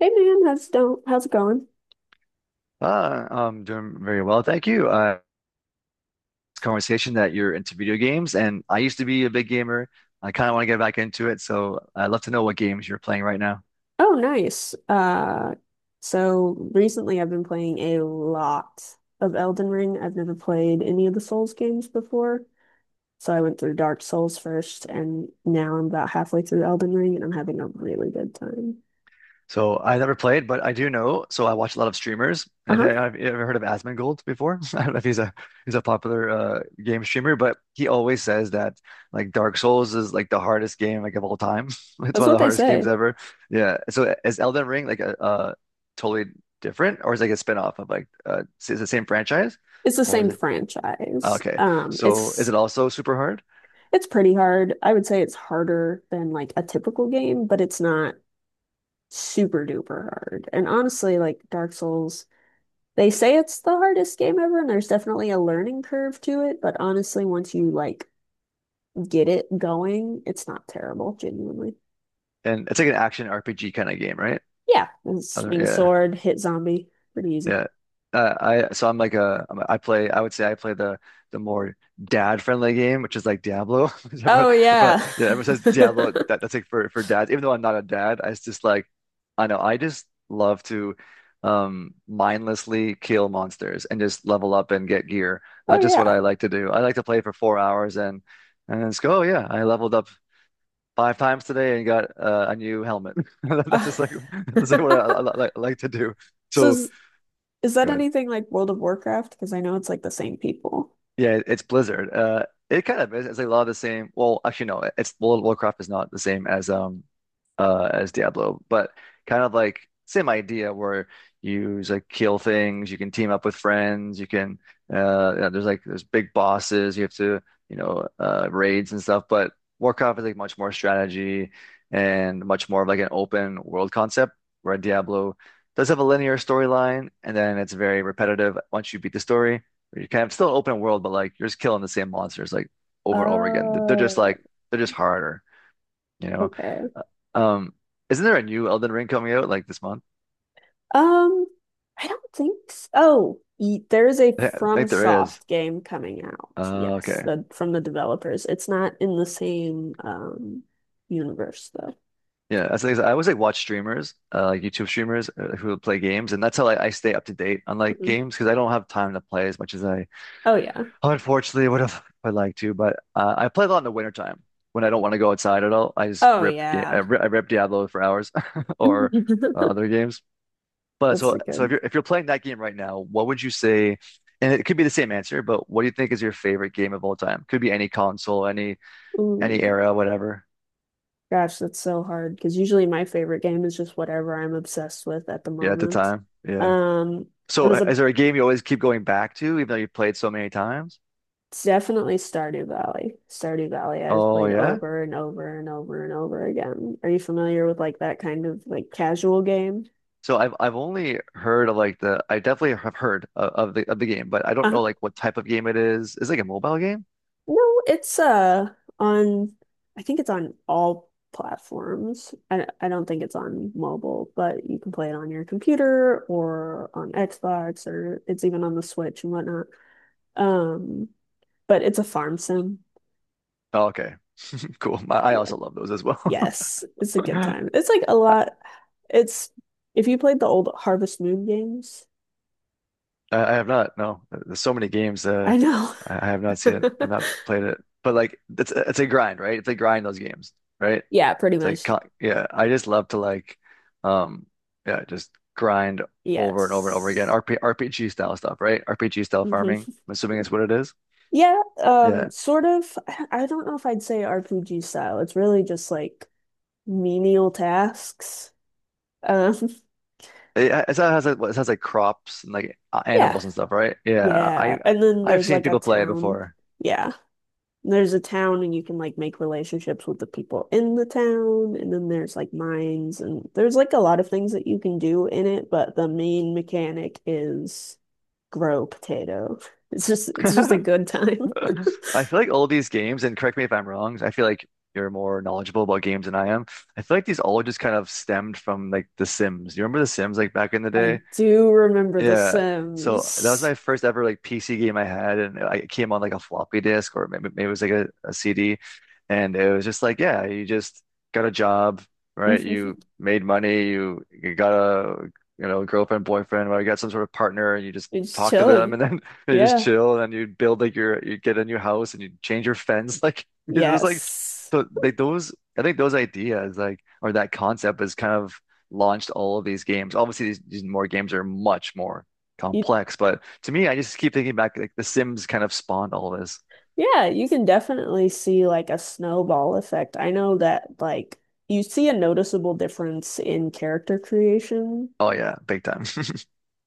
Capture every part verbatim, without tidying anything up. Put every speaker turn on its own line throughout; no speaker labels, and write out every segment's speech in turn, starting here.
Hey man, how's do how's it going?
Uh, I'm doing very well, thank you. Uh, it's a conversation that you're into video games, and I used to be a big gamer. I kind of want to get back into it, so I'd love to know what games you're playing right now.
Oh, nice. Uh, so recently I've been playing a lot of Elden Ring. I've never played any of the Souls games before, so I went through Dark Souls first, and now I'm about halfway through Elden Ring, and I'm having a really good time.
So I never played, but I do know. So I watch a lot of streamers. I
Uh-huh.
think I've ever heard of Asmongold before. I don't know if he's a he's a popular uh, game streamer, but he always says that like Dark Souls is like the hardest game like of all time. It's
That's
one of
what
the
they
hardest games
say.
ever. Yeah. So is Elden Ring like a, uh, totally different, or is it like a spin-off of like uh is it the same franchise,
It's the
or is
same
it oh,
franchise.
okay?
Um,
So is
it's
it also super hard?
it's pretty hard. I would say it's harder than like a typical game, but it's not super duper hard. And honestly, like Dark Souls. They say it's the hardest game ever, and there's definitely a learning curve to it, but honestly, once you like get it going, it's not terrible, genuinely.
And it's like an action R P G kind of game, right?
Yeah, and
Other,
swing
yeah.
sword, hit zombie, pretty easy.
Yeah. Uh, I so I'm like a I'm a- I play I would say I play the the more dad friendly game which is like Diablo. Everyone-
Oh
But
yeah.
yeah, everyone says Diablo that, that's like for for dads. Even though I'm not a dad, I it's just like I know I just love to um mindlessly kill monsters and just level up and get gear.
Oh
Uh, just what
yeah.
I like to do. I like to play for four hours and and it's go. Oh yeah, I leveled up five times today and got uh, a new helmet. That's
Uh,
just like that's just like what I, I, I like to do.
So
So.
is, is that
Good.
anything like World of Warcraft? Because I know it's like the same people.
Yeah, it's Blizzard. Uh, it kind of is. It's like a lot of the same. Well, actually, no. It's World of Warcraft is not the same as um uh as Diablo, but kind of like same idea where you just, like, kill things. You can team up with friends. You can uh you know, there's like there's big bosses. You have to you know uh raids and stuff. But Warcraft is like much more strategy and much more of like an open world concept. Where Diablo does have a linear storyline, and then it's very repetitive once you beat the story where you kind of still open world, but like you're just killing the same monsters like over and over again. They're just
Oh,
like they're just harder, you know.
okay.
Uh, Um, isn't there a new Elden Ring coming out like this month?
Um, I don't think so. Oh, y- there is a
I think there is.
FromSoft game coming out.
Uh,
Yes,
okay.
the from the developers. It's not in the same um universe though.
Yeah, that's the thing. I always like watch streamers, uh, like YouTube streamers uh, who play games, and that's how like, I stay up to date on like
Mhm.
games because I don't have time to play as much as I
Oh yeah.
unfortunately would have. I'd like to. But uh, I play a lot in the wintertime when I don't want to go outside at all. I just
Oh
rip, ga I
yeah.
rip, I rip Diablo for hours or uh, other games. But
That's
so
a
so if
good.
you're if you're playing that game right now, what would you say? And it could be the same answer, but what do you think is your favorite game of all time? Could be any console, any any
Ooh,
era, whatever.
gosh, that's so hard because usually my favorite game is just whatever I'm obsessed with at the
Yeah, at the
moment.
time. Yeah.
Um, I
So
was
uh,
a
is there a game you always keep going back to, even though you've played so many times?
It's definitely Stardew Valley. Stardew Valley I've
Oh
played
yeah.
over and over and over and over again. Are you familiar with like that kind of like casual game?
So I've I've only heard of like the I definitely have heard of, of the of the game, but I don't
Uh,
know like what type of game it is. Is it like a mobile game?
no, it's uh on I think it's on all platforms. I I don't think it's on mobile, but you can play it on your computer or on Xbox or it's even on the Switch and whatnot. Um, but it's a farm sim.
Oh, okay, cool. I I
Yeah.
also love those as well.
Yes, it's a good time. It's like a lot. It's if you played the old Harvest Moon games,
I, I have not. No, there's so many games. Uh,
I know.
I, I have not seen it. I've not played it. But like, it's it's a grind, right? It's a grind those games, right?
Yeah, pretty
It's like,
much.
co- yeah, I just love to like, um, yeah, just grind over and over and over again.
Yes.
R P, R P G style stuff, right? R P G style
hmm
farming. I'm assuming it's what it is.
Yeah, um,
Yeah,
sort of. I I don't know if I'd say R P G style. It's really just like menial tasks. Um,
it, it has like, it has like crops and like a-
yeah,
animals and stuff, right? Yeah, I
yeah. And then
I've
there's
seen
like a
people play it
town.
before.
Yeah. There's a town and you can like make relationships with the people in the town and then there's like mines and there's like a lot of things that you can do in it, but the main mechanic is grow potato. It's just it's just a good time.
I feel like all these games, and correct me if I'm wrong, I feel like you're more knowledgeable about games than I am. I feel like these all just kind of stemmed from like The Sims. You remember The Sims like back in the
I
day?
do remember The
Yeah. So that was
Sims.
my first ever like P C game I had, and I it came on like a floppy disk or maybe, maybe it was like a C D, and it was just like yeah, you just got a job, right? You made money, you you got a you know girlfriend, boyfriend, or you got some sort of partner, and you just
It's
talk to them,
chilling.
and then they just
Yeah.
chill, and then you build like your you get a new house, and you change your fence, like it was like
Yes.
so like those I think those ideas like or that concept is kind of launched all of these games. Obviously, these, these more games are much more
You,
complex, but to me, I just keep thinking back like The Sims kind of spawned all of this.
yeah, you can definitely see like a snowball effect. I know that like you see a noticeable difference in character creation
Oh yeah, big time.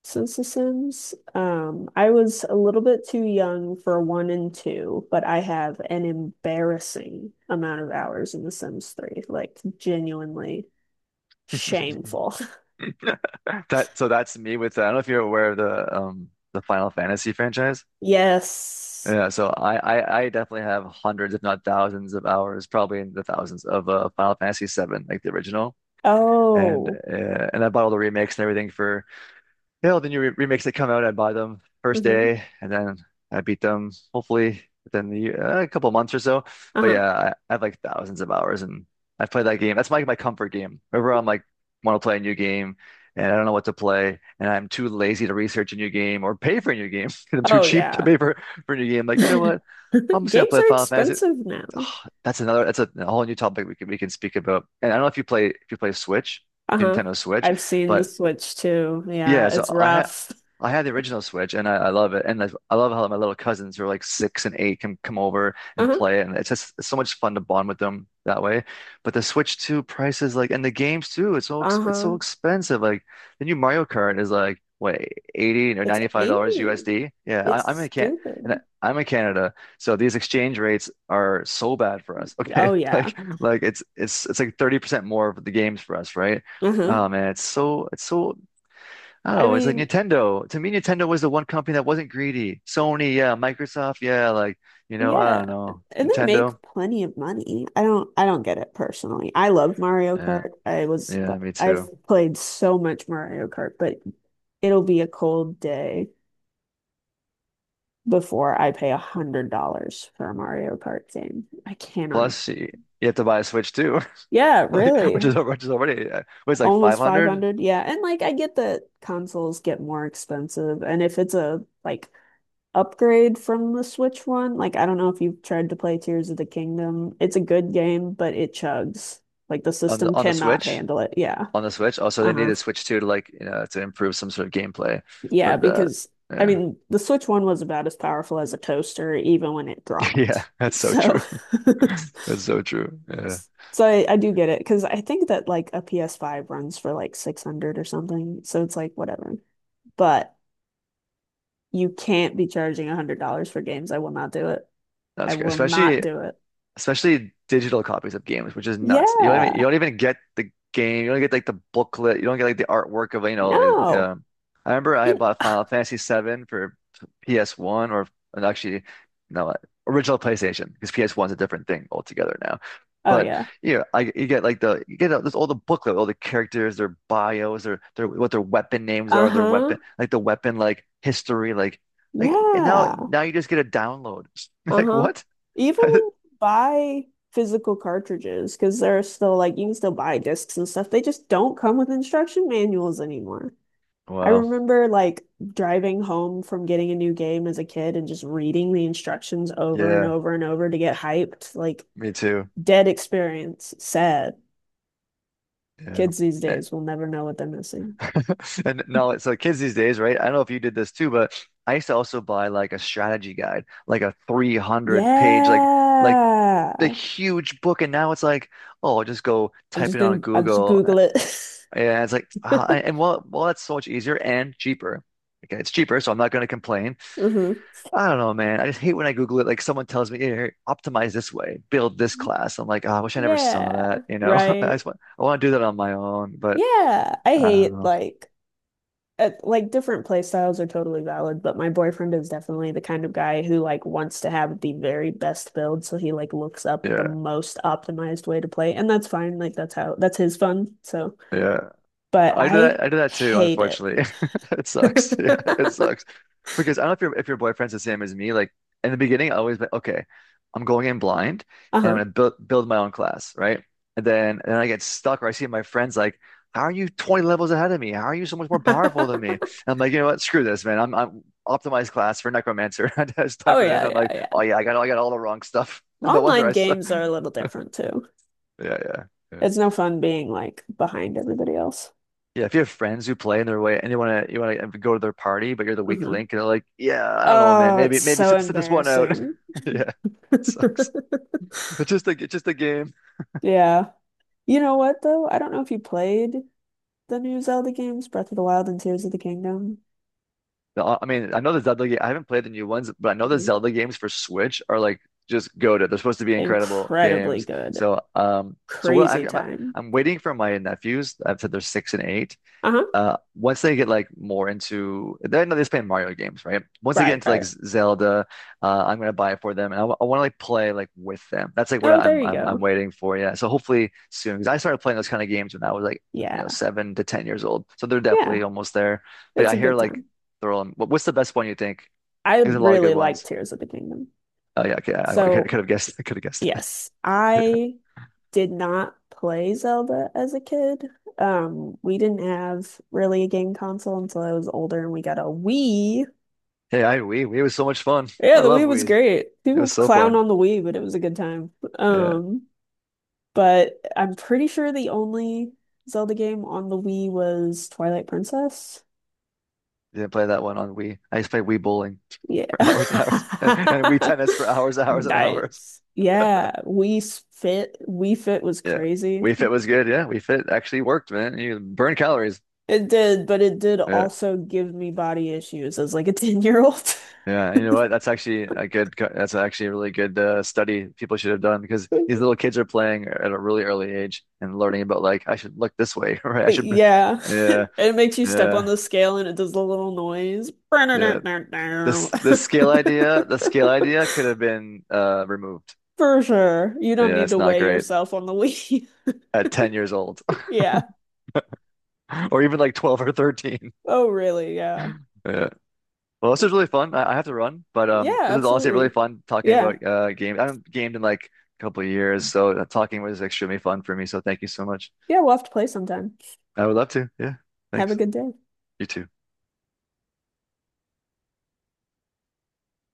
since The Sims. Um, I was a little bit too young for one and two, but I have an embarrassing amount of hours in The Sims three, like genuinely shameful.
That so that's me with. Uh, I don't know if you're aware of the um the Final Fantasy franchise.
Yes.
Yeah, so I, I I definitely have hundreds, if not thousands, of hours, probably in the thousands of uh, Final Fantasy seven, like the original, and
Oh.
uh, and I bought all the remakes and everything for. Yeah, well, the new re remakes that come out, I buy them first
hmm
day, and then I beat them hopefully within the year, uh, a couple months or so. But
Uh-huh.
yeah, I, I have like thousands of hours, and I've played that game. That's my my comfort game. Whenever I'm like want to play a new game, and I don't know what to play, and I'm too lazy to research a new game or pay for a new game because I'm too
Oh
cheap to
yeah.
pay for for a new game. Like you know what? I'm just gonna
Games
play
are
Final Fantasy.
expensive now.
Ah, that's another. That's a, a whole new topic we can we can speak about. And I don't know if you play if you play Switch,
Uh-huh.
Nintendo Switch.
I've seen the
But
Switch too. Yeah,
yeah, so
it's
I had
rough.
I had the original Switch and I, I love it. And I, I love how my little cousins who are like six and eight can come over and
Uh-huh.
play it, and it's just it's so much fun to bond with them that way. But the Switch two prices like and the games too, it's so ex it's so
Uh-huh.
expensive. Like the new Mario Kart is like what, eighty or
It's
ninety-five dollars
eighty.
U S D. Yeah, I, I'm
It's
in Can and I,
stupid.
I'm in Canada, so these exchange rates are so bad for us. Okay.
Oh yeah.
Like like it's it's it's like thirty percent more of the games for us, right?
Uh-huh.
Oh man, it's so it's so I don't
I
know. It's like
mean,
Nintendo. To me, Nintendo was the one company that wasn't greedy. Sony, yeah. Microsoft, yeah. Like, you know, I don't
yeah,
know.
and they
Nintendo,
make plenty of money. I don't I don't get it personally. I love Mario
yeah.
Kart. I was
Yeah, me
I've
too.
played so much Mario Kart, but it'll be a cold day before I pay a hundred dollars for a Mario Kart game. I cannot. im-
Plus, y- you have to buy a Switch too,
Yeah,
like, which
really.
is which is already uh, was like
Almost
five hundred
five hundred. Yeah, and like I get that consoles get more expensive and if it's a like upgrade from the Switch one. Like, I don't know if you've tried to play Tears of the Kingdom. It's a good game, but it chugs. Like, the
on the
system
on the
cannot
Switch
handle it. Yeah.
on the Switch. Also, they
Uh-huh.
needed Switch too to like you know to improve some sort of gameplay for
Yeah,
that.
because I
Yeah,
mean, the Switch one was about as powerful as a toaster, even when it
yeah.
dropped.
That's so
So,
true. That's so true. Yeah,
so I, I do get it because I think that like a P S five runs for like six hundred or something. So it's like, whatever. But you can't be charging a hundred dollars for games. I will not do it. I
that's great.
will not
Especially
do it.
especially digital copies of games, which is nuts. You don't
Yeah.
even you don't even get the game. You don't get like the booklet. You don't get like the artwork of you know. It,
No.
um, I remember I had
And
bought Final Fantasy VII for P S one or and actually no uh, original PlayStation because P S one's a different thing altogether now.
Oh
But
yeah.
yeah, I you get like the you get this all the booklet, all the characters, their bios, their their what their weapon names are, their weapon
Uh-huh.
like the weapon like history, like like and now
Yeah.
now you just get a download. Like
Uh-huh.
what?
Even when you buy physical cartridges, because they're still like you can still buy discs and stuff, they just don't come with instruction manuals anymore. I
Wow.
remember like driving home from getting a new game as a kid and just reading the instructions over and
Yeah,
over and over to get hyped. Like
me too.
dead experience. Sad.
Yeah.
Kids these
Eh,
days will never know what they're missing.
And now, like, so kids these days, right? I don't know if you did this too, but I used to also buy like a strategy guide, like a three hundred page, like, like
Yeah.
the huge book. And now it's like, oh, just go
I'm
type
just
it on
gonna I'm just
Google. eh,
Google it.
And it's like, ah, I- and well, well, that's so much easier and cheaper. Okay, it's cheaper, so I'm not going to complain.
hmm
I don't know, man. I just hate when I Google it. Like someone tells me, "Here, optimize this way, build this class." I'm like, oh, I wish I never saw
Yeah,
that. You know, I
right.
just want, I want to do that on my own.
Yeah, I
I don't
hate
know.
like uh, like different play styles are totally valid, but my boyfriend is definitely the kind of guy who like wants to have the very best build, so he like looks up the
Yeah,
most optimized way to play, and that's fine. Like that's how that's his fun. So,
yeah.
but
I do
I
that. I do that too,
hate it.
unfortunately. It sucks. Yeah, it sucks. Because I don't know if your if your boyfriend's the same as me. Like in the beginning, I always like, okay. I'm going in blind, and I'm
Uh-huh.
gonna build build my own class, right? And then and then I get stuck, or I see my friends like, "How are you twenty levels ahead of me? How are you so much more powerful than me?" And I'm like, you know what? Screw this, man. I'm I'm optimized class for Necromancer. I just
Oh
type it in.
yeah,
I'm
yeah,
like, oh
yeah.
yeah, I got I got all the wrong stuff. No wonder
Online
I suck.
games are a little different too.
Yeah, yeah, yeah.
It's no fun being like behind everybody else.
Yeah, if you have friends who play in their way and you wanna you wanna um, go to their party, but you're the weak
Mhm.
link, and they're like, "Yeah, I don't know, man.
Oh, it's
Maybe maybe
so
sit sit this one out."
embarrassing.
Yeah, sucks. It's just a it's just a game.
Yeah. You know what though? I don't know if you played the new Zelda games, Breath of the Wild and Tears of the Kingdom.
The- I mean, I know the Zelda game. I haven't played the new ones, but I know the
Mhm.
Zelda games for Switch are like just goated. They're supposed to be incredible
Incredibly
games.
good.
So um, so what I,
Crazy
I'm
time.
I'm waiting for my nephews. I've said they're six and eight.
Uh-huh.
Uh, once they get like more into, they're not just playing Mario games, right? Once they get
Right,
into like
right.
Z- Zelda, uh, I'm gonna buy it for them, and I want to like play like with them. That's like what
Oh,
I'm
there you
I'm I'm
go.
waiting for. Yeah, so hopefully soon, because I started playing those kind of games when I was like you know
Yeah.
seven to ten years old, so they're
Yeah.
definitely almost there. But
It's
I
a
hear
good
like
time.
they're all. what- What's the best one you think?
I
There's a lot of
really
good
like
ones.
Tears of the Kingdom.
Oh yeah, okay, I, I could
So,
have guessed. I could have guessed
yes,
that.
I did not play Zelda as a kid. Um, we didn't have really a game console until I was older and we got a Wii.
Hey, I Wii. Wii was so much fun.
Yeah,
I
the
love
Wii was
Wii.
great.
It
People
was so
clown
fun.
on the Wii, but it was a good time.
Yeah,
Um, but I'm pretty sure the only Zelda game on the Wii was Twilight Princess.
didn't play that one on Wii. I used to play Wii Bowling.
Yeah.
Hours and hours. And we tennis for hours, hours and hours.
Nice. Yeah, Wii Fit. Wii Fit was
Yeah.
crazy.
We Fit was good. Yeah. We Fit actually worked, man. You burn calories.
It did, but it did
Yeah.
also give me body issues as like a ten year old.
Yeah. And you know what? That's actually a good, co- that's actually a really good uh, study people should have done because these little kids are playing at a really early age and learning about like, I should look this way, right? I should, be-
Yeah.
yeah.
It makes you step on
Yeah.
the scale and it does the little noise.
Yeah. This, this scale idea, the scale idea could have been uh, removed.
For sure. You don't
Yeah.
need
That's
to
not
weigh
great
yourself on the Wii.
at ten years old
Yeah.
or even like twelve or thirteen.
Oh, really? Yeah.
Yeah. Well, this was really fun. I, I have to run, but
Yeah,
um, this is honestly really
absolutely.
fun talking
Yeah.
about uh games. I haven't gamed in like a couple of years, so uh, talking was extremely fun for me. So thank you so much.
Yeah, we'll have to play sometime.
I would love to. Yeah,
Have a
thanks.
good day.
You too.